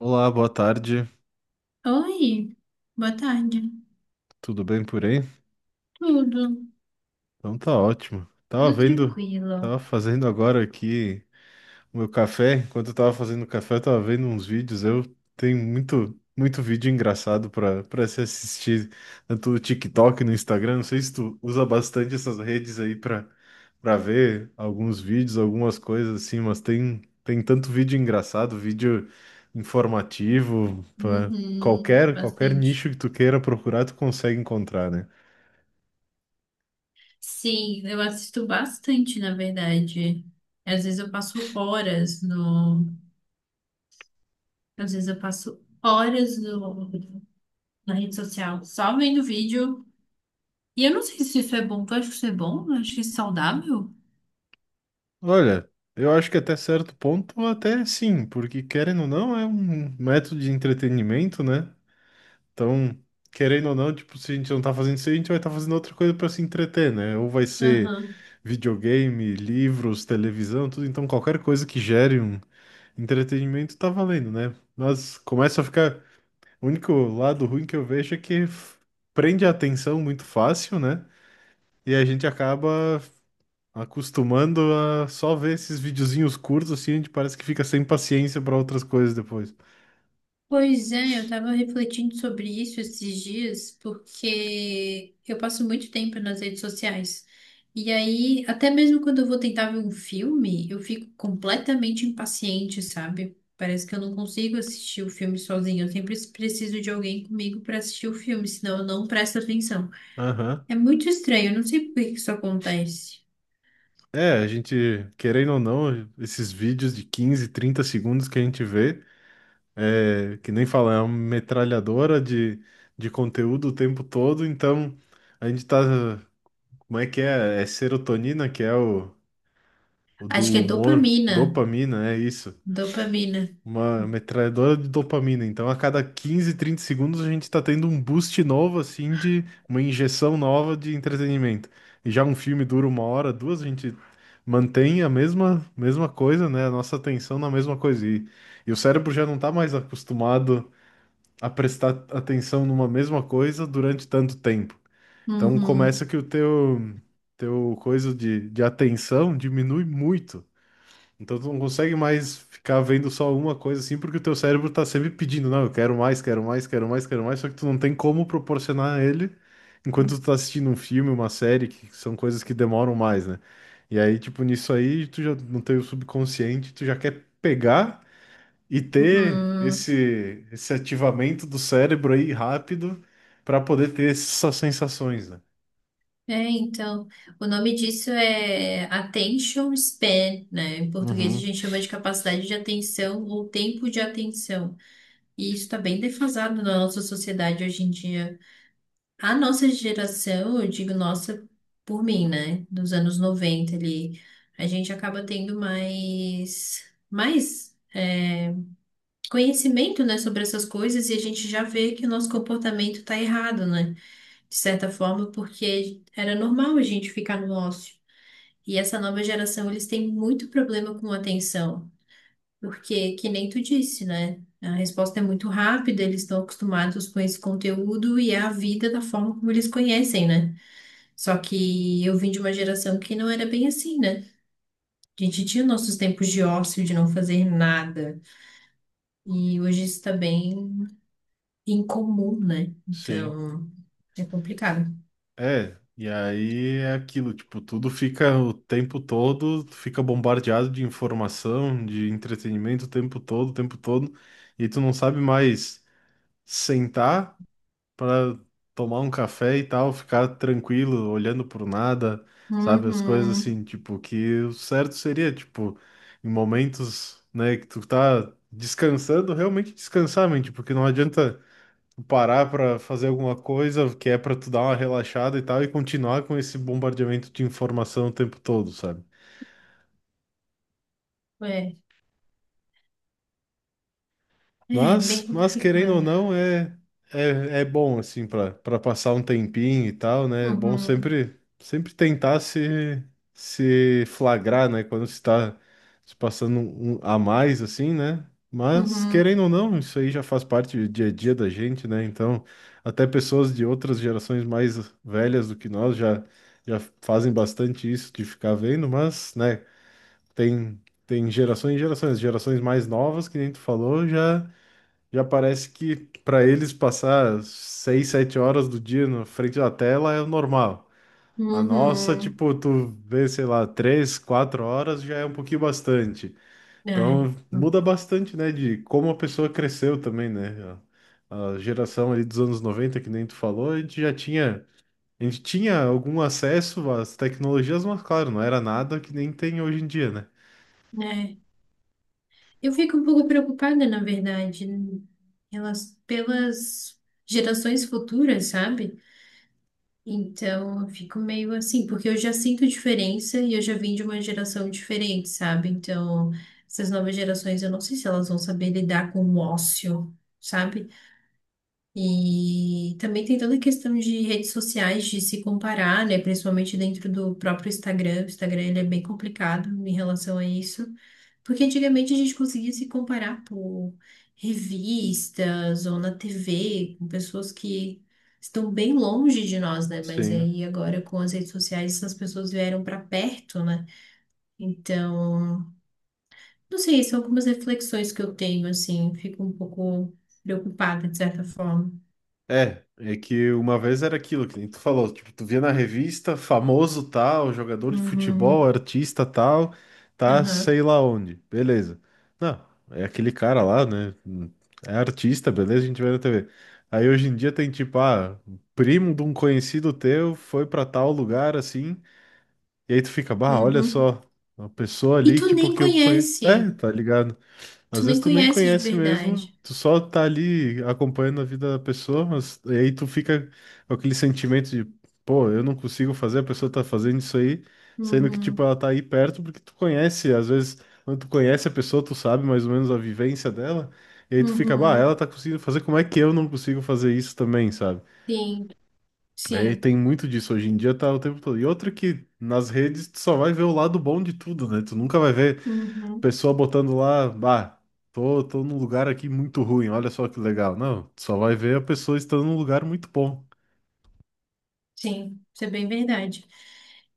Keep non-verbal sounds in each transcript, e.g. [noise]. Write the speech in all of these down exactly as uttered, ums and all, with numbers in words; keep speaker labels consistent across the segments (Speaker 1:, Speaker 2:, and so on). Speaker 1: Olá, boa tarde.
Speaker 2: Oi, boa tarde.
Speaker 1: Tudo bem por aí?
Speaker 2: Tudo,
Speaker 1: Então tá ótimo. Tava
Speaker 2: tudo
Speaker 1: vendo, tava
Speaker 2: tranquilo.
Speaker 1: fazendo agora aqui o meu café. Enquanto eu tava fazendo o café, eu tava vendo uns vídeos. Eu tenho muito, muito vídeo engraçado pra para se assistir, tanto no TikTok, no Instagram. Não sei se tu usa bastante essas redes aí pra para ver alguns vídeos, algumas coisas assim, mas tem tem tanto vídeo engraçado, vídeo informativo, pra
Speaker 2: Uhum,
Speaker 1: qualquer qualquer
Speaker 2: bastante.
Speaker 1: nicho que tu queira procurar, tu consegue encontrar, né?
Speaker 2: Sim, eu assisto bastante, na verdade. Às vezes eu passo horas no, às vezes eu passo horas no, na rede social só vendo vídeo. E eu não sei se isso é bom. Tu acha que isso é bom? Eu acho isso saudável.
Speaker 1: Olha, eu acho que até certo ponto, até sim, porque querendo ou não, é um método de entretenimento, né? Então, querendo ou não, tipo, se a gente não tá fazendo isso, a gente vai estar fazendo outra coisa para se entreter, né? Ou vai ser
Speaker 2: Aham.
Speaker 1: videogame, livros, televisão, tudo. Então, qualquer coisa que gere um entretenimento tá valendo, né? Mas começa a ficar. O único lado ruim que eu vejo é que f- prende a atenção muito fácil, né? E a gente acaba acostumando a só ver esses videozinhos curtos, assim, a gente parece que fica sem paciência para outras coisas depois.
Speaker 2: Pois é, eu estava refletindo sobre isso esses dias, porque eu passo muito tempo nas redes sociais. E aí, até mesmo quando eu vou tentar ver um filme, eu fico completamente impaciente, sabe? Parece que eu não consigo assistir o filme sozinha. Eu sempre preciso de alguém comigo para assistir o filme, senão eu não presto atenção.
Speaker 1: Aham.
Speaker 2: É muito estranho, eu não sei por que que isso acontece.
Speaker 1: É, a gente, querendo ou não, esses vídeos de quinze, trinta segundos que a gente vê, é, que nem fala, é uma metralhadora de, de conteúdo o tempo todo, então a gente tá, como é que é? É serotonina, que é o, o do
Speaker 2: Acho que é
Speaker 1: humor,
Speaker 2: dopamina.
Speaker 1: dopamina, é isso.
Speaker 2: Dopamina.
Speaker 1: Uma metralhadora de dopamina. Então, a cada quinze trinta segundos, a gente está tendo um boost novo, assim, de uma injeção nova de entretenimento. E já um filme dura uma hora, duas, a gente mantém a mesma, mesma coisa, né? A nossa atenção na mesma coisa. E, e o cérebro já não está mais acostumado a prestar atenção numa mesma coisa durante tanto tempo. Então,
Speaker 2: Uhum,
Speaker 1: começa que o teu, teu coisa de, de atenção diminui muito. Então tu não consegue mais ficar vendo só uma coisa assim, porque o teu cérebro tá sempre pedindo, não, eu quero mais, quero mais, quero mais, quero mais, só que tu não tem como proporcionar a ele enquanto tu tá assistindo um filme, uma série, que são coisas que demoram mais, né? E aí, tipo, nisso aí, tu já não tem o subconsciente, tu já quer pegar e ter
Speaker 2: uhum.
Speaker 1: esse, esse ativamento do cérebro aí rápido pra poder ter essas sensações, né?
Speaker 2: É, então, o nome disso é attention span, né? Em português a
Speaker 1: Uhum.
Speaker 2: gente chama de capacidade de atenção ou tempo de atenção. E isso está bem defasado na nossa sociedade hoje em dia. A nossa geração, eu digo nossa por mim, né? Dos anos noventa ali, a gente acaba tendo mais, mais é, conhecimento, né, sobre essas coisas e a gente já vê que o nosso comportamento está errado, né? De certa forma, porque era normal a gente ficar no ócio. E essa nova geração, eles têm muito problema com atenção, porque, que nem tu disse, né? A resposta é muito rápida, eles estão acostumados com esse conteúdo e é a vida da forma como eles conhecem, né? Só que eu vim de uma geração que não era bem assim, né? A gente tinha nossos tempos de ócio, de não fazer nada, e hoje isso está bem incomum, né?
Speaker 1: Sim.
Speaker 2: Então, é complicado.
Speaker 1: É, e aí é aquilo, tipo, tudo fica o tempo todo, tu fica bombardeado de informação, de entretenimento o tempo todo, o tempo todo, e tu não sabe mais sentar para tomar um café e tal, ficar tranquilo, olhando por nada, sabe? As coisas
Speaker 2: Uhum.
Speaker 1: assim, tipo, que o certo seria, tipo, em momentos, né, que tu tá descansando, realmente descansar, mente, porque não adianta parar para fazer alguma coisa que é para tu dar uma relaxada e tal e continuar com esse bombardeamento de informação o tempo todo, sabe?
Speaker 2: É, é
Speaker 1: Mas,
Speaker 2: bem
Speaker 1: mas querendo ou
Speaker 2: complicado.
Speaker 1: não, é, é, é bom, assim, para para passar um tempinho e tal, né? É bom
Speaker 2: Uhum.
Speaker 1: sempre, sempre tentar se, se flagrar, né? Quando se está se passando um- um a mais, assim, né? Mas,
Speaker 2: Uhum.
Speaker 1: querendo ou não, isso aí já faz parte do dia a dia da gente, né? Então, até pessoas de outras gerações mais velhas do que nós já, já fazem bastante isso de ficar vendo, mas, né? Tem, tem gerações e gerações. Gerações mais novas, que nem tu falou, já já parece que para eles passar seis, sete horas do dia na frente da tela é o normal. A nossa,
Speaker 2: Uhum.
Speaker 1: tipo, tu vê, sei lá, três, quatro horas já é um pouquinho bastante.
Speaker 2: Ai,
Speaker 1: Então muda bastante, né, de como a pessoa cresceu também, né? A, a geração ali dos anos noventa que nem tu falou, a gente já tinha, a gente tinha algum acesso às tecnologias, mas claro, não era nada que nem tem hoje em dia, né?
Speaker 2: né? Eu fico um pouco preocupada, na verdade, em relação- pelas gerações futuras, sabe? Então, eu fico meio assim, porque eu já sinto diferença e eu já vim de uma geração diferente, sabe? Então, essas novas gerações, eu não sei se elas vão saber lidar com o ócio, sabe? E também tem toda a questão de redes sociais, de se comparar, né? Principalmente dentro do próprio Instagram. O Instagram, ele é bem complicado em relação a isso. Porque antigamente a gente conseguia se comparar por revistas ou na T V, com pessoas que estão bem longe de nós, né? Mas
Speaker 1: Sim.
Speaker 2: aí agora com as redes sociais essas pessoas vieram para perto, né? Então, não sei, são algumas reflexões que eu tenho, assim, fico um pouco preocupada de certa forma.
Speaker 1: É, é que uma vez era aquilo que nem tu falou, tipo, tu via na revista, famoso tal, jogador de futebol,
Speaker 2: Uhum,
Speaker 1: artista tal, tá sei
Speaker 2: aham,
Speaker 1: lá onde, beleza. Não, é aquele cara lá, né? É artista, beleza, a gente vê na T V. Aí hoje em dia tem tipo, ah, primo de um conhecido teu foi pra tal lugar assim, e aí tu fica, bah, olha
Speaker 2: uhum.
Speaker 1: só, uma pessoa
Speaker 2: E
Speaker 1: ali,
Speaker 2: tu
Speaker 1: tipo,
Speaker 2: nem
Speaker 1: que eu conheço. É,
Speaker 2: conhece,
Speaker 1: tá ligado?
Speaker 2: tu
Speaker 1: Às
Speaker 2: nem
Speaker 1: vezes tu nem
Speaker 2: conhece de
Speaker 1: conhece mesmo,
Speaker 2: verdade.
Speaker 1: tu só tá ali acompanhando a vida da pessoa, mas e aí tu fica com aquele sentimento de, pô, eu não consigo fazer, a pessoa tá fazendo isso aí, sendo que, tipo,
Speaker 2: Uhum,
Speaker 1: ela tá aí perto porque tu conhece, às vezes, quando tu conhece a pessoa, tu sabe mais ou menos a vivência dela, e aí tu fica, bah,
Speaker 2: uhum,
Speaker 1: ela tá conseguindo fazer, como é que eu não consigo fazer isso também, sabe?
Speaker 2: sim,
Speaker 1: É, e
Speaker 2: sim.
Speaker 1: tem muito disso hoje em dia, tá o tempo todo. E outra que nas redes tu só vai ver o lado bom de tudo, né? Tu nunca vai ver
Speaker 2: Uhum.
Speaker 1: pessoa botando lá, bah, tô, tô num lugar aqui muito ruim, olha só que legal. Não, tu só vai ver a pessoa estando num lugar muito bom.
Speaker 2: Sim, isso é bem verdade.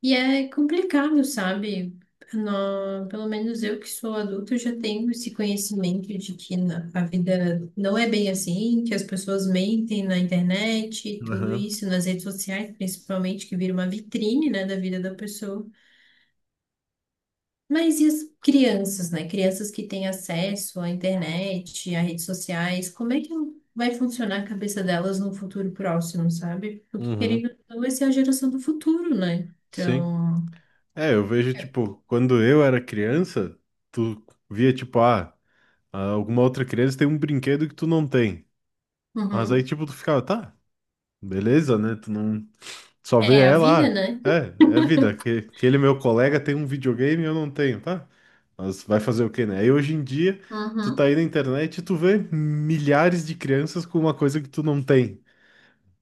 Speaker 2: E é complicado, sabe? Nó- pelo menos eu que sou adulta, eu já tenho esse conhecimento de que na- a vida não é bem assim, que as pessoas mentem na internet, tudo
Speaker 1: Aham.
Speaker 2: isso, nas redes sociais, principalmente, que vira uma vitrine, né, da vida da pessoa. Mas e as crianças, né? Crianças que têm acesso à internet, a redes sociais, como é que vai funcionar a cabeça delas no futuro próximo, sabe? Porque
Speaker 1: Uhum,
Speaker 2: querendo ou não, vai ser a geração do futuro, né?
Speaker 1: sim.
Speaker 2: Então,
Speaker 1: É, eu vejo, tipo, quando eu era criança, tu via, tipo, ah, alguma outra criança tem um brinquedo que tu não tem. Mas aí,
Speaker 2: uhum.
Speaker 1: tipo, tu ficava, tá. Beleza, né? Tu não só vê
Speaker 2: É a vida,
Speaker 1: ela.
Speaker 2: né?
Speaker 1: Ah, é, é vida. Que, aquele meu colega tem um videogame e eu não tenho, tá? Mas vai fazer o quê, né? Aí hoje em dia, tu tá
Speaker 2: Uhum,
Speaker 1: aí na internet e tu vê milhares de crianças com uma coisa que tu não tem.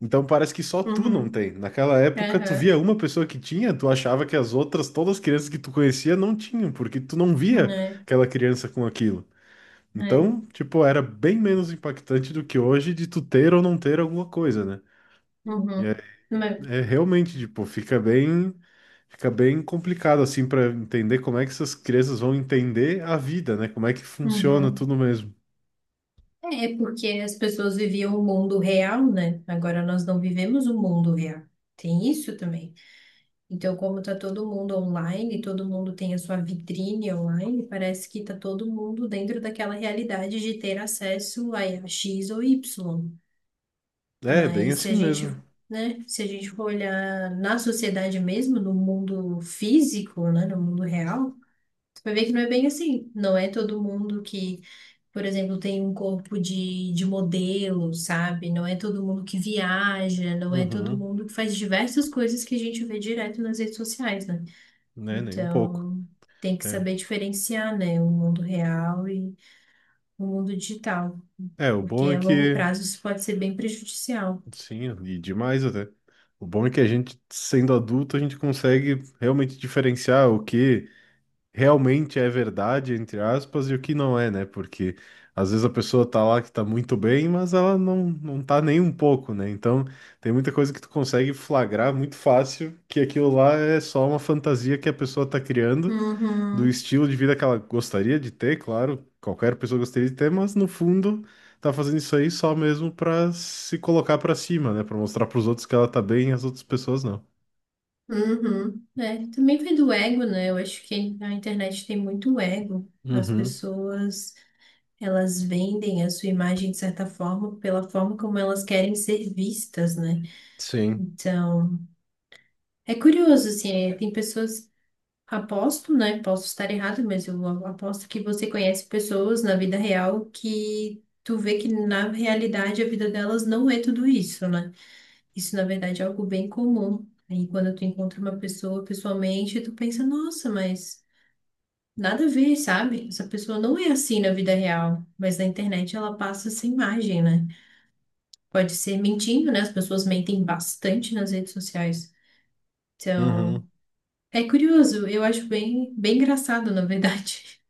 Speaker 1: Então parece que só tu não
Speaker 2: uhum,
Speaker 1: tem. Naquela época, tu
Speaker 2: aham,
Speaker 1: via uma pessoa que tinha, tu achava que as outras, todas as crianças que tu conhecia, não tinham, porque tu não via
Speaker 2: é,
Speaker 1: aquela criança com aquilo.
Speaker 2: é,
Speaker 1: Então, tipo, era bem menos impactante do que hoje de tu ter ou não ter alguma coisa, né?
Speaker 2: uhum, mas-
Speaker 1: É realmente, tipo, fica bem, fica bem complicado assim para entender como é que essas crianças vão entender a vida, né? Como é que funciona
Speaker 2: uhum.
Speaker 1: tudo mesmo.
Speaker 2: É é porque as pessoas viviam o mundo real, né? Agora nós não vivemos o mundo real. Tem isso também. Então, como está todo mundo online, todo mundo tem a sua vitrine online, parece que está todo mundo dentro daquela realidade de ter acesso a X ou Y.
Speaker 1: É, bem
Speaker 2: Mas se
Speaker 1: assim
Speaker 2: a gente,
Speaker 1: mesmo.
Speaker 2: né, se a gente for olhar na sociedade mesmo, no mundo físico, né, no mundo real, você vai ver que não é bem assim. Não é todo mundo que, por exemplo, tem um corpo de, de modelo, sabe? Não é todo mundo que viaja, não é todo
Speaker 1: Uhum,
Speaker 2: mundo que faz diversas coisas que a gente vê direto nas redes sociais, né?
Speaker 1: né? Nem um pouco.
Speaker 2: Então, tem que
Speaker 1: É.
Speaker 2: saber diferenciar, né, o mundo real e o mundo digital,
Speaker 1: É, o
Speaker 2: porque
Speaker 1: bom é
Speaker 2: a longo
Speaker 1: que,
Speaker 2: prazo isso pode ser bem prejudicial.
Speaker 1: sim, e demais até. O bom é que a gente, sendo adulto, a gente consegue realmente diferenciar o que realmente é verdade, entre aspas, e o que não é, né? Porque às vezes a pessoa tá lá que tá muito bem, mas ela não, não tá nem um pouco, né? Então tem muita coisa que tu consegue flagrar muito fácil que aquilo lá é só uma fantasia que a pessoa tá criando do
Speaker 2: Uhum,
Speaker 1: estilo de vida que ela gostaria de ter, claro, qualquer pessoa gostaria de ter, mas no fundo tá fazendo isso aí só mesmo pra se colocar pra cima, né? Pra mostrar pros outros que ela tá bem e as outras pessoas não.
Speaker 2: uhum. É, também vem do ego, né? Eu acho que a internet tem muito ego. As
Speaker 1: Uhum,
Speaker 2: pessoas, elas vendem a sua imagem de certa forma pela forma como elas querem ser vistas, né?
Speaker 1: sim.
Speaker 2: Então, é curioso, assim, é, tem pessoas. Aposto, né? Posso estar errado, mas eu aposto que você conhece pessoas na vida real que tu vê que na realidade a vida delas não é tudo isso, né? Isso na verdade é algo bem comum. Aí quando tu encontra uma pessoa pessoalmente, tu pensa, nossa, mas nada a ver, sabe? Essa pessoa não é assim na vida real, mas na internet ela passa essa imagem, né? Pode ser mentindo, né? As pessoas mentem bastante nas redes sociais.
Speaker 1: Uhum.
Speaker 2: Então, é curioso, eu acho bem, bem engraçado, na verdade.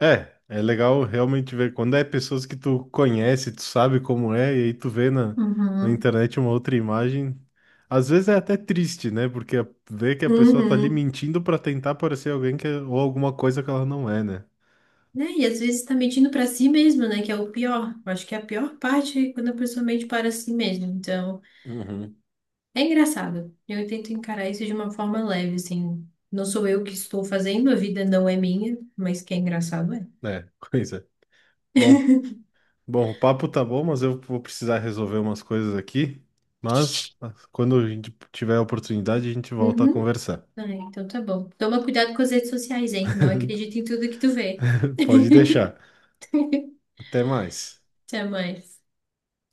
Speaker 1: É, é legal realmente ver quando é pessoas que tu conhece, tu sabe como é, e aí tu vê na, na
Speaker 2: Uhum.
Speaker 1: internet uma outra imagem. Às vezes é até triste, né? Porque a- vê que a pessoa tá ali
Speaker 2: Uhum.
Speaker 1: mentindo pra tentar parecer alguém que é- ou alguma coisa que ela não é, né?
Speaker 2: Né? E às vezes tá mentindo pra si mesmo, né? Que é o pior. Eu acho que é a pior parte é quando a pessoa mente para si mesmo. Então,
Speaker 1: Uhum.
Speaker 2: é engraçado. Eu tento encarar isso de uma forma leve, assim. Não sou eu que estou fazendo, a vida não é minha, mas que é engraçado é.
Speaker 1: É, [laughs] coisa. Bom,
Speaker 2: [laughs]
Speaker 1: bom, o papo tá bom, mas eu vou precisar resolver umas coisas aqui. Mas quando a gente tiver a oportunidade, a gente volta a
Speaker 2: Uhum.
Speaker 1: conversar.
Speaker 2: Ah, então tá bom. Toma cuidado com as redes sociais, hein? Não
Speaker 1: [laughs]
Speaker 2: acredita em tudo que tu vê. [laughs]
Speaker 1: Pode deixar. Até mais.
Speaker 2: Até mais.